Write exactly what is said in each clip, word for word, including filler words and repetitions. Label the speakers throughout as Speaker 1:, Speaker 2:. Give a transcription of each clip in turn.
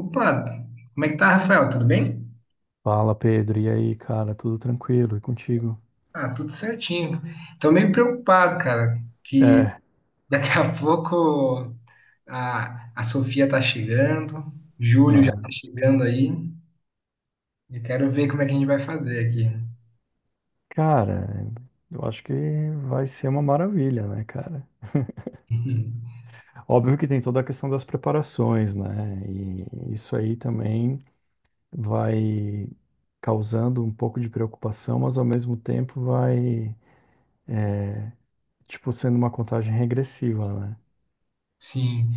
Speaker 1: Opa, como é que tá, Rafael? Tudo bem?
Speaker 2: Fala, Pedro. E aí, cara? Tudo tranquilo? E contigo?
Speaker 1: Ah, tudo certinho. Tô meio preocupado, cara, que
Speaker 2: É,
Speaker 1: daqui a pouco a, a Sofia tá chegando, Júlio já
Speaker 2: né?
Speaker 1: tá chegando aí. Eu quero ver como é que a gente vai fazer aqui.
Speaker 2: Cara, eu acho que vai ser uma maravilha, né, cara? Óbvio que tem toda a questão das preparações, né? E isso aí também vai causando um pouco de preocupação, mas ao mesmo tempo vai, tipo, sendo uma contagem regressiva, né?
Speaker 1: Sim,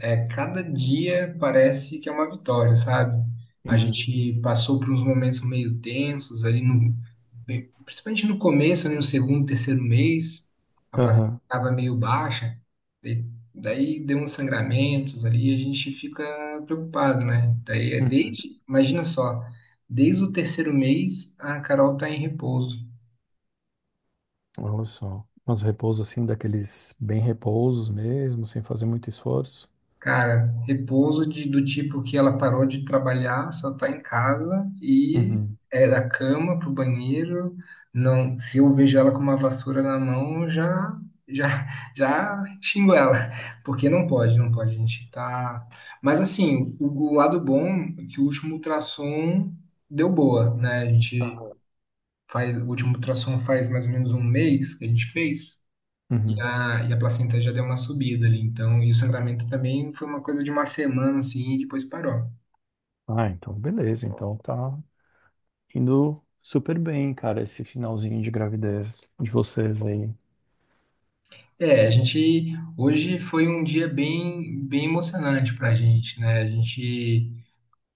Speaker 1: é, cada dia parece que é uma vitória, sabe? A
Speaker 2: Uhum.
Speaker 1: gente passou por uns momentos meio tensos ali no, bem- principalmente no começo, ali no segundo, terceiro mês, a placenta
Speaker 2: Aham.
Speaker 1: estava meio baixa, e daí deu uns sangramentos ali, a gente fica preocupado, né? Daí é
Speaker 2: Uhum.
Speaker 1: desde, imagina só, desde o terceiro mês a Carol tá em repouso.
Speaker 2: Olha só. Mas repouso assim, daqueles bem repousos mesmo, sem fazer muito esforço.
Speaker 1: Cara, repouso de- do tipo que ela parou de trabalhar, só tá em casa e
Speaker 2: Uhum.
Speaker 1: é da cama pro banheiro. Não, se eu vejo ela com uma vassoura na mão, já já já xingo ela, porque não pode, não pode, a gente tá. Mas assim, o, o lado bom é que o último ultrassom deu boa, né? A gente faz, o último ultrassom faz mais ou menos um mês que a gente fez. E
Speaker 2: Uhum.
Speaker 1: a, e a placenta já deu uma subida ali, então, e o sangramento também foi uma coisa de uma semana, assim, e depois parou.
Speaker 2: Ah, então beleza. Então tá indo super bem, cara, esse finalzinho de gravidez de vocês aí.
Speaker 1: É, a gente, hoje foi um dia bem, bem emocionante pra gente, né? A gente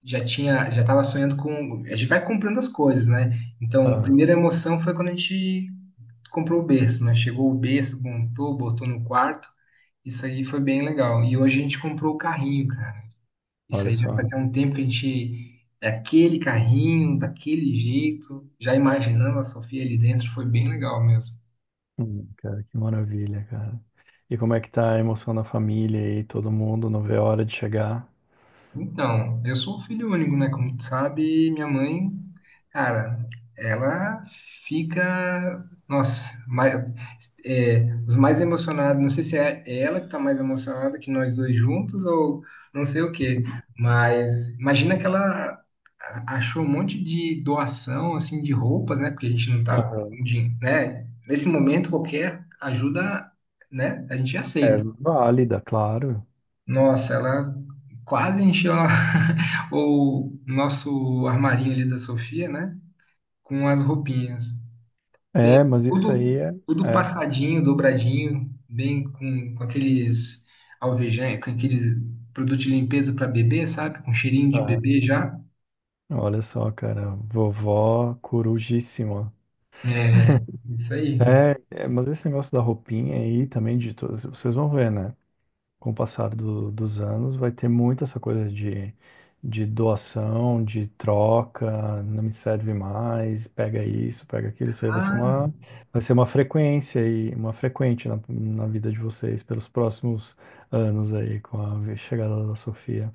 Speaker 1: já tinha, já tava sonhando com, a gente vai comprando as coisas, né? Então, a
Speaker 2: Ah,
Speaker 1: primeira emoção foi quando a gente comprou o berço, né? Chegou o berço, montou, botou no quarto, isso aí foi bem legal. E hoje a gente comprou o carrinho, cara. Isso
Speaker 2: olha
Speaker 1: aí já
Speaker 2: só.
Speaker 1: fazia um tempo que a gente. É aquele carrinho, daquele jeito, já imaginando a Sofia ali dentro, foi bem legal mesmo.
Speaker 2: Hum, cara, que maravilha, cara. E como é que tá a emoção na família aí? Todo mundo não vê a hora de chegar?
Speaker 1: Então, eu sou um filho único, né? Como tu sabe, minha mãe, cara, ela fica, nossa, mais, é, os mais emocionados. Não sei se é ela que tá mais emocionada que nós dois juntos ou não sei o quê. Mas imagina que ela a- achou um monte de doação, assim, de roupas, né? Porque a gente não tava,
Speaker 2: Aham.
Speaker 1: com dinhe- né? Nesse momento qualquer ajuda, né? A gente
Speaker 2: É
Speaker 1: aceita.
Speaker 2: válida, claro.
Speaker 1: Nossa, ela quase encheu a- o nosso armarinho ali da Sofia, né? Com as roupinhas.
Speaker 2: É,
Speaker 1: Pensa,
Speaker 2: mas isso aí
Speaker 1: tudo,
Speaker 2: é.
Speaker 1: tudo
Speaker 2: É.
Speaker 1: passadinho, dobradinho, bem com, com aqueles alvejantes, com aqueles produtos de limpeza para bebê, sabe? Com cheirinho de
Speaker 2: Aham.
Speaker 1: bebê já.
Speaker 2: Olha só, cara, vovó corujíssima.
Speaker 1: É, isso aí.
Speaker 2: É, é, mas esse negócio da roupinha aí também de todas, vocês vão ver, né? Com o passar do- dos anos, vai ter muito essa coisa de, de doação, de troca, não me serve mais, pega isso, pega aquilo. Isso aí vai ser
Speaker 1: Ah,
Speaker 2: uma, Vai ser uma frequência e uma frequente na, na vida de vocês pelos próximos anos aí, com a ve- chegada da Sofia.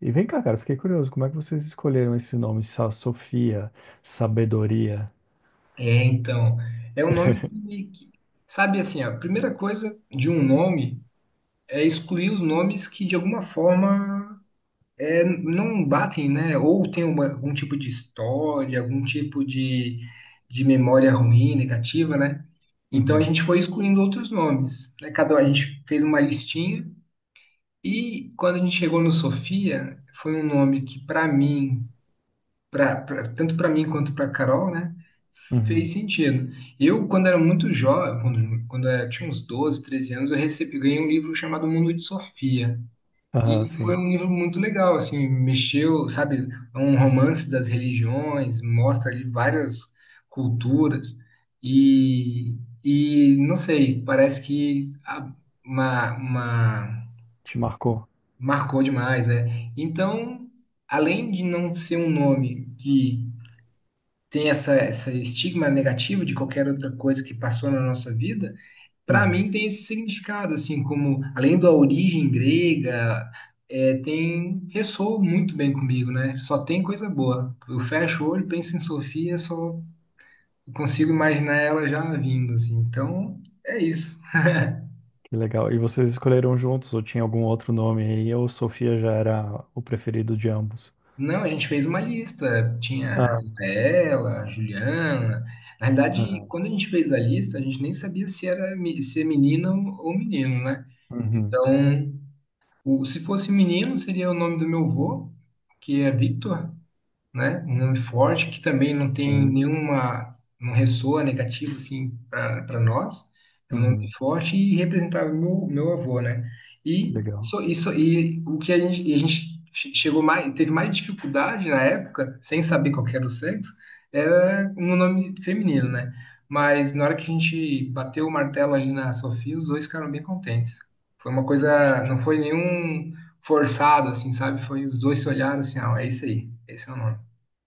Speaker 2: E vem cá, cara, fiquei curioso, como é que vocês escolheram esse nome, Sa- Sofia, sabedoria?
Speaker 1: é, então. É um nome que, que- sabe assim, ó, a primeira coisa de um nome é excluir os nomes que de alguma forma é, não batem, né? Ou tem uma- algum tipo de história, algum tipo de, de memória ruim, negativa, né? Então a
Speaker 2: Uhum,
Speaker 1: gente foi excluindo outros nomes, né? Cada a gente fez uma listinha e quando a gente chegou no Sofia, foi um nome que para mim, pra, pra- tanto para mim quanto para Carol, né,
Speaker 2: uhum.
Speaker 1: fez sentido. Eu quando era muito jovem, quando, quando eu tinha uns doze treze anos, eu recebi ganhei um livro chamado Mundo de Sofia.
Speaker 2: Aham,
Speaker 1: E foi
Speaker 2: sim,
Speaker 1: um livro muito legal, assim, mexeu, sabe, é um romance das religiões, mostra ali várias culturas e, e não sei, parece que a- uma, uma-
Speaker 2: te marcou.
Speaker 1: marcou demais, né? Então, além de não ser um nome que tem essa, essa estigma negativo de qualquer outra coisa que passou na nossa vida, para
Speaker 2: Uhum.
Speaker 1: mim tem esse significado, assim, como além da origem grega, é, tem ressoa muito bem comigo, né? Só tem coisa boa. Eu fecho o olho, penso em Sofia, só consigo imaginar ela já vindo, assim. Então, é isso.
Speaker 2: Que legal. E vocês escolheram juntos ou tinha algum outro nome aí? Ou Sofia já era o preferido de ambos?
Speaker 1: Não, a gente fez uma lista. Tinha a
Speaker 2: Ah,
Speaker 1: Rafaela, a Juliana. Na verdade,
Speaker 2: ah,
Speaker 1: quando a gente fez a lista, a gente nem sabia se era me- se é menina ou ou menino, né?
Speaker 2: uhum,
Speaker 1: Então, o- se fosse menino, seria o nome do meu avô, que é Victor, né? Um nome forte que também não tem
Speaker 2: sim.
Speaker 1: nenhuma, não ressoa negativo assim para nós. É um nome
Speaker 2: Uhum,
Speaker 1: forte e representava meu, meu avô, né?
Speaker 2: que
Speaker 1: E
Speaker 2: legal.
Speaker 1: isso, isso e o que a gente, e a gente che- chegou mais, teve mais dificuldade na época, sem saber qual que era o sexo, era um nome feminino, né? Mas na hora que a gente bateu o martelo ali na Sofia, os dois ficaram bem contentes. Foi uma
Speaker 2: Poxa,
Speaker 1: coisa, não foi nenhum forçado, assim, sabe? Foi os dois se olharam assim, ah, é isso aí, esse é o nome.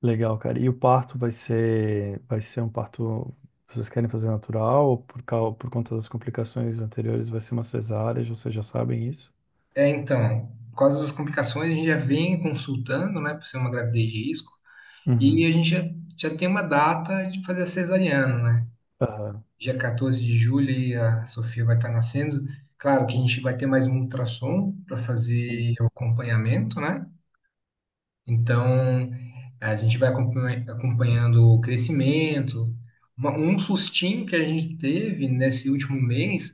Speaker 2: legal, cara. E o parto vai ser, Vai ser um parto. Vocês querem fazer natural ou por, cau- por conta das complicações anteriores vai ser uma cesárea? Vocês já sabem isso?
Speaker 1: É, então, por causa das complicações, a gente já vem consultando, né, por ser uma gravidez de risco, e
Speaker 2: Uhum.
Speaker 1: a gente já, já tem uma data de fazer a cesariana, né?
Speaker 2: Aham,
Speaker 1: Dia catorze de julho aí a Sofia vai estar nascendo. Claro que a gente vai ter mais um ultrassom para
Speaker 2: sim.
Speaker 1: fazer o acompanhamento, né? Então, a gente vai acompanha- acompanhando o crescimento. Uma- um sustinho que a gente teve nesse último mês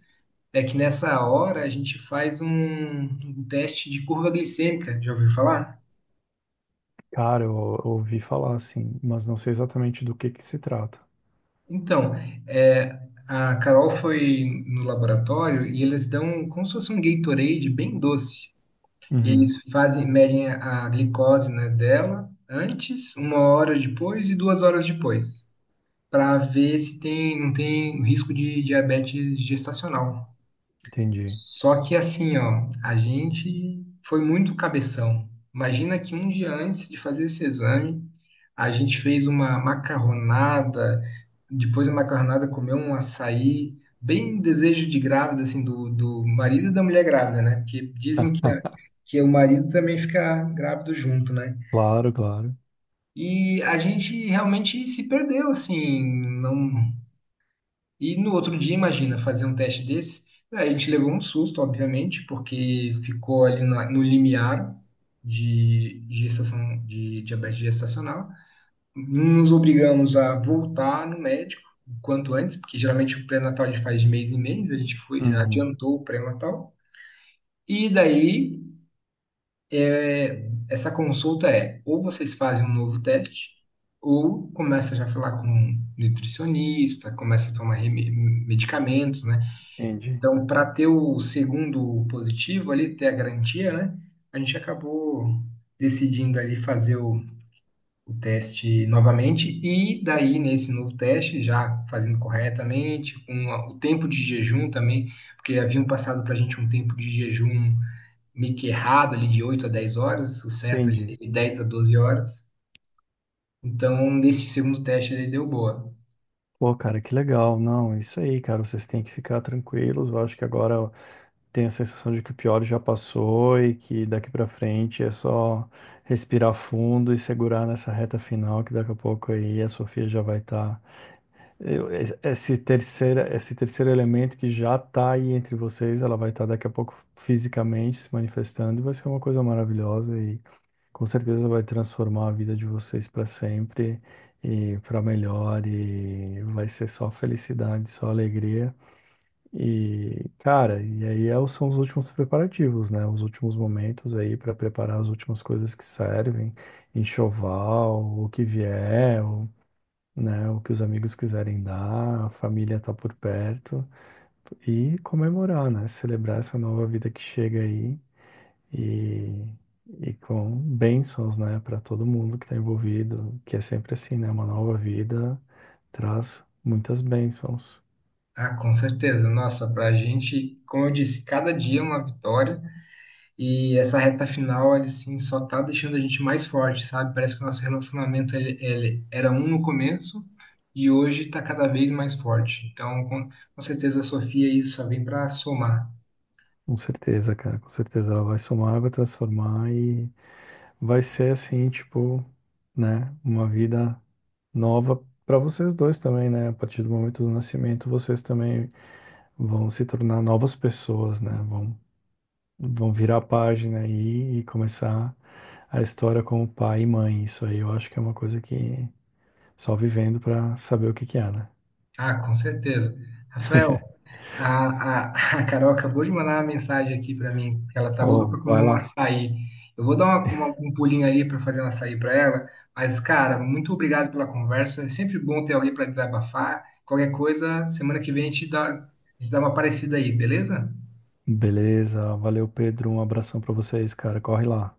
Speaker 1: é que nessa hora a gente faz um, um teste de curva glicêmica. Já ouviu falar?
Speaker 2: Cara, eu, eu ouvi falar assim, mas não sei exatamente do que que se trata.
Speaker 1: Então, é, a Carol foi no laboratório e eles dão como se fosse um Gatorade bem doce. E
Speaker 2: Uhum,
Speaker 1: eles fazem, medem a a glicose, né, dela antes, uma hora depois e duas horas depois, para ver se tem, não tem risco de diabetes gestacional.
Speaker 2: entendi.
Speaker 1: Só que assim, ó, a gente foi muito cabeção. Imagina que um dia antes de fazer esse exame, a gente fez uma macarronada, depois da macarronada comeu um açaí, bem desejo de grávida, assim, do, do marido e da mulher grávida, né? Porque dizem que,
Speaker 2: Ah,
Speaker 1: a- que o marido também fica grávido junto, né?
Speaker 2: claro, claro.
Speaker 1: E a gente realmente se perdeu, assim, não. E no outro dia, imagina, fazer um teste desse, né. A gente levou um susto, obviamente, porque ficou ali na- no limiar de de gestação, de diabetes gestacional. Nos obrigamos a voltar no médico o quanto antes, porque geralmente o pré-natal a gente faz de mês em mês, a gente foi,
Speaker 2: Uhum,
Speaker 1: adiantou o pré-natal. E daí, essa consulta é, ou vocês fazem um novo teste, ou começa já a falar com um nutricionista, começa a tomar reme- medicamentos, né?
Speaker 2: entendi.
Speaker 1: Então, para ter o segundo positivo ali, ter a garantia, né? A gente acabou decidindo ali fazer o, o teste novamente e daí nesse novo teste, já fazendo corretamente, com a- o tempo de jejum também, porque haviam passado para a gente um tempo de jejum meio que errado ali de oito a dez horas, o certo ali
Speaker 2: Entendi.
Speaker 1: é de dez a doze horas. Então, nesse segundo teste ele deu boa.
Speaker 2: Pô, cara, que legal. Não, é isso aí, cara. Vocês têm que ficar tranquilos. Eu acho que agora tem a sensação de que o pior já passou e que daqui pra frente é só respirar fundo e segurar nessa reta final, que daqui a pouco aí a Sofia já vai estar. Esse terceira, esse terceiro elemento que já tá aí entre vocês, ela vai estar daqui a pouco fisicamente se manifestando e vai ser uma coisa maravilhosa. E com certeza vai transformar a vida de vocês para sempre e para melhor, e vai ser só felicidade, só alegria. E, cara, e aí é são os últimos preparativos, né? Os últimos momentos aí para preparar as últimas coisas que servem, enxoval, o que vier, o, né, o que os amigos quiserem dar, a família tá por perto e comemorar, né? Celebrar essa nova vida que chega aí e, e com bênçãos, né, para todo mundo que está envolvido, que é sempre assim, né? Uma nova vida traz muitas bênçãos.
Speaker 1: Ah, com certeza. Nossa, para a gente, como eu disse, cada dia é uma vitória. E essa reta final, ele assim, só tá deixando a gente mais forte, sabe? Parece que o nosso relacionamento ele, ele era um no começo e hoje tá cada vez mais forte. Então, com, com certeza a Sofia aí só vem para somar.
Speaker 2: Com certeza, cara, com certeza ela vai somar, vai transformar e vai ser assim, tipo, né, uma vida nova para vocês dois também, né? A partir do momento do nascimento, vocês também vão se tornar novas pessoas, né? Vão, vão virar a página aí e começar a história como pai e mãe. Isso aí eu acho que é uma coisa que só vivendo pra saber o que que é, né?
Speaker 1: Ah, com certeza. Rafael, a, a, a Carol acabou de mandar uma mensagem aqui para mim, que ela tá louca
Speaker 2: Ó,
Speaker 1: para comer
Speaker 2: vai
Speaker 1: um
Speaker 2: lá.
Speaker 1: açaí. Eu vou dar uma- uma- um pulinho ali para fazer um açaí para ela, mas, cara, muito obrigado pela conversa. É sempre bom ter alguém para desabafar. Qualquer coisa, semana que vem a gente dá, a gente dá uma parecida aí, beleza?
Speaker 2: Beleza, valeu, Pedro. Um abração pra vocês, cara. Corre lá.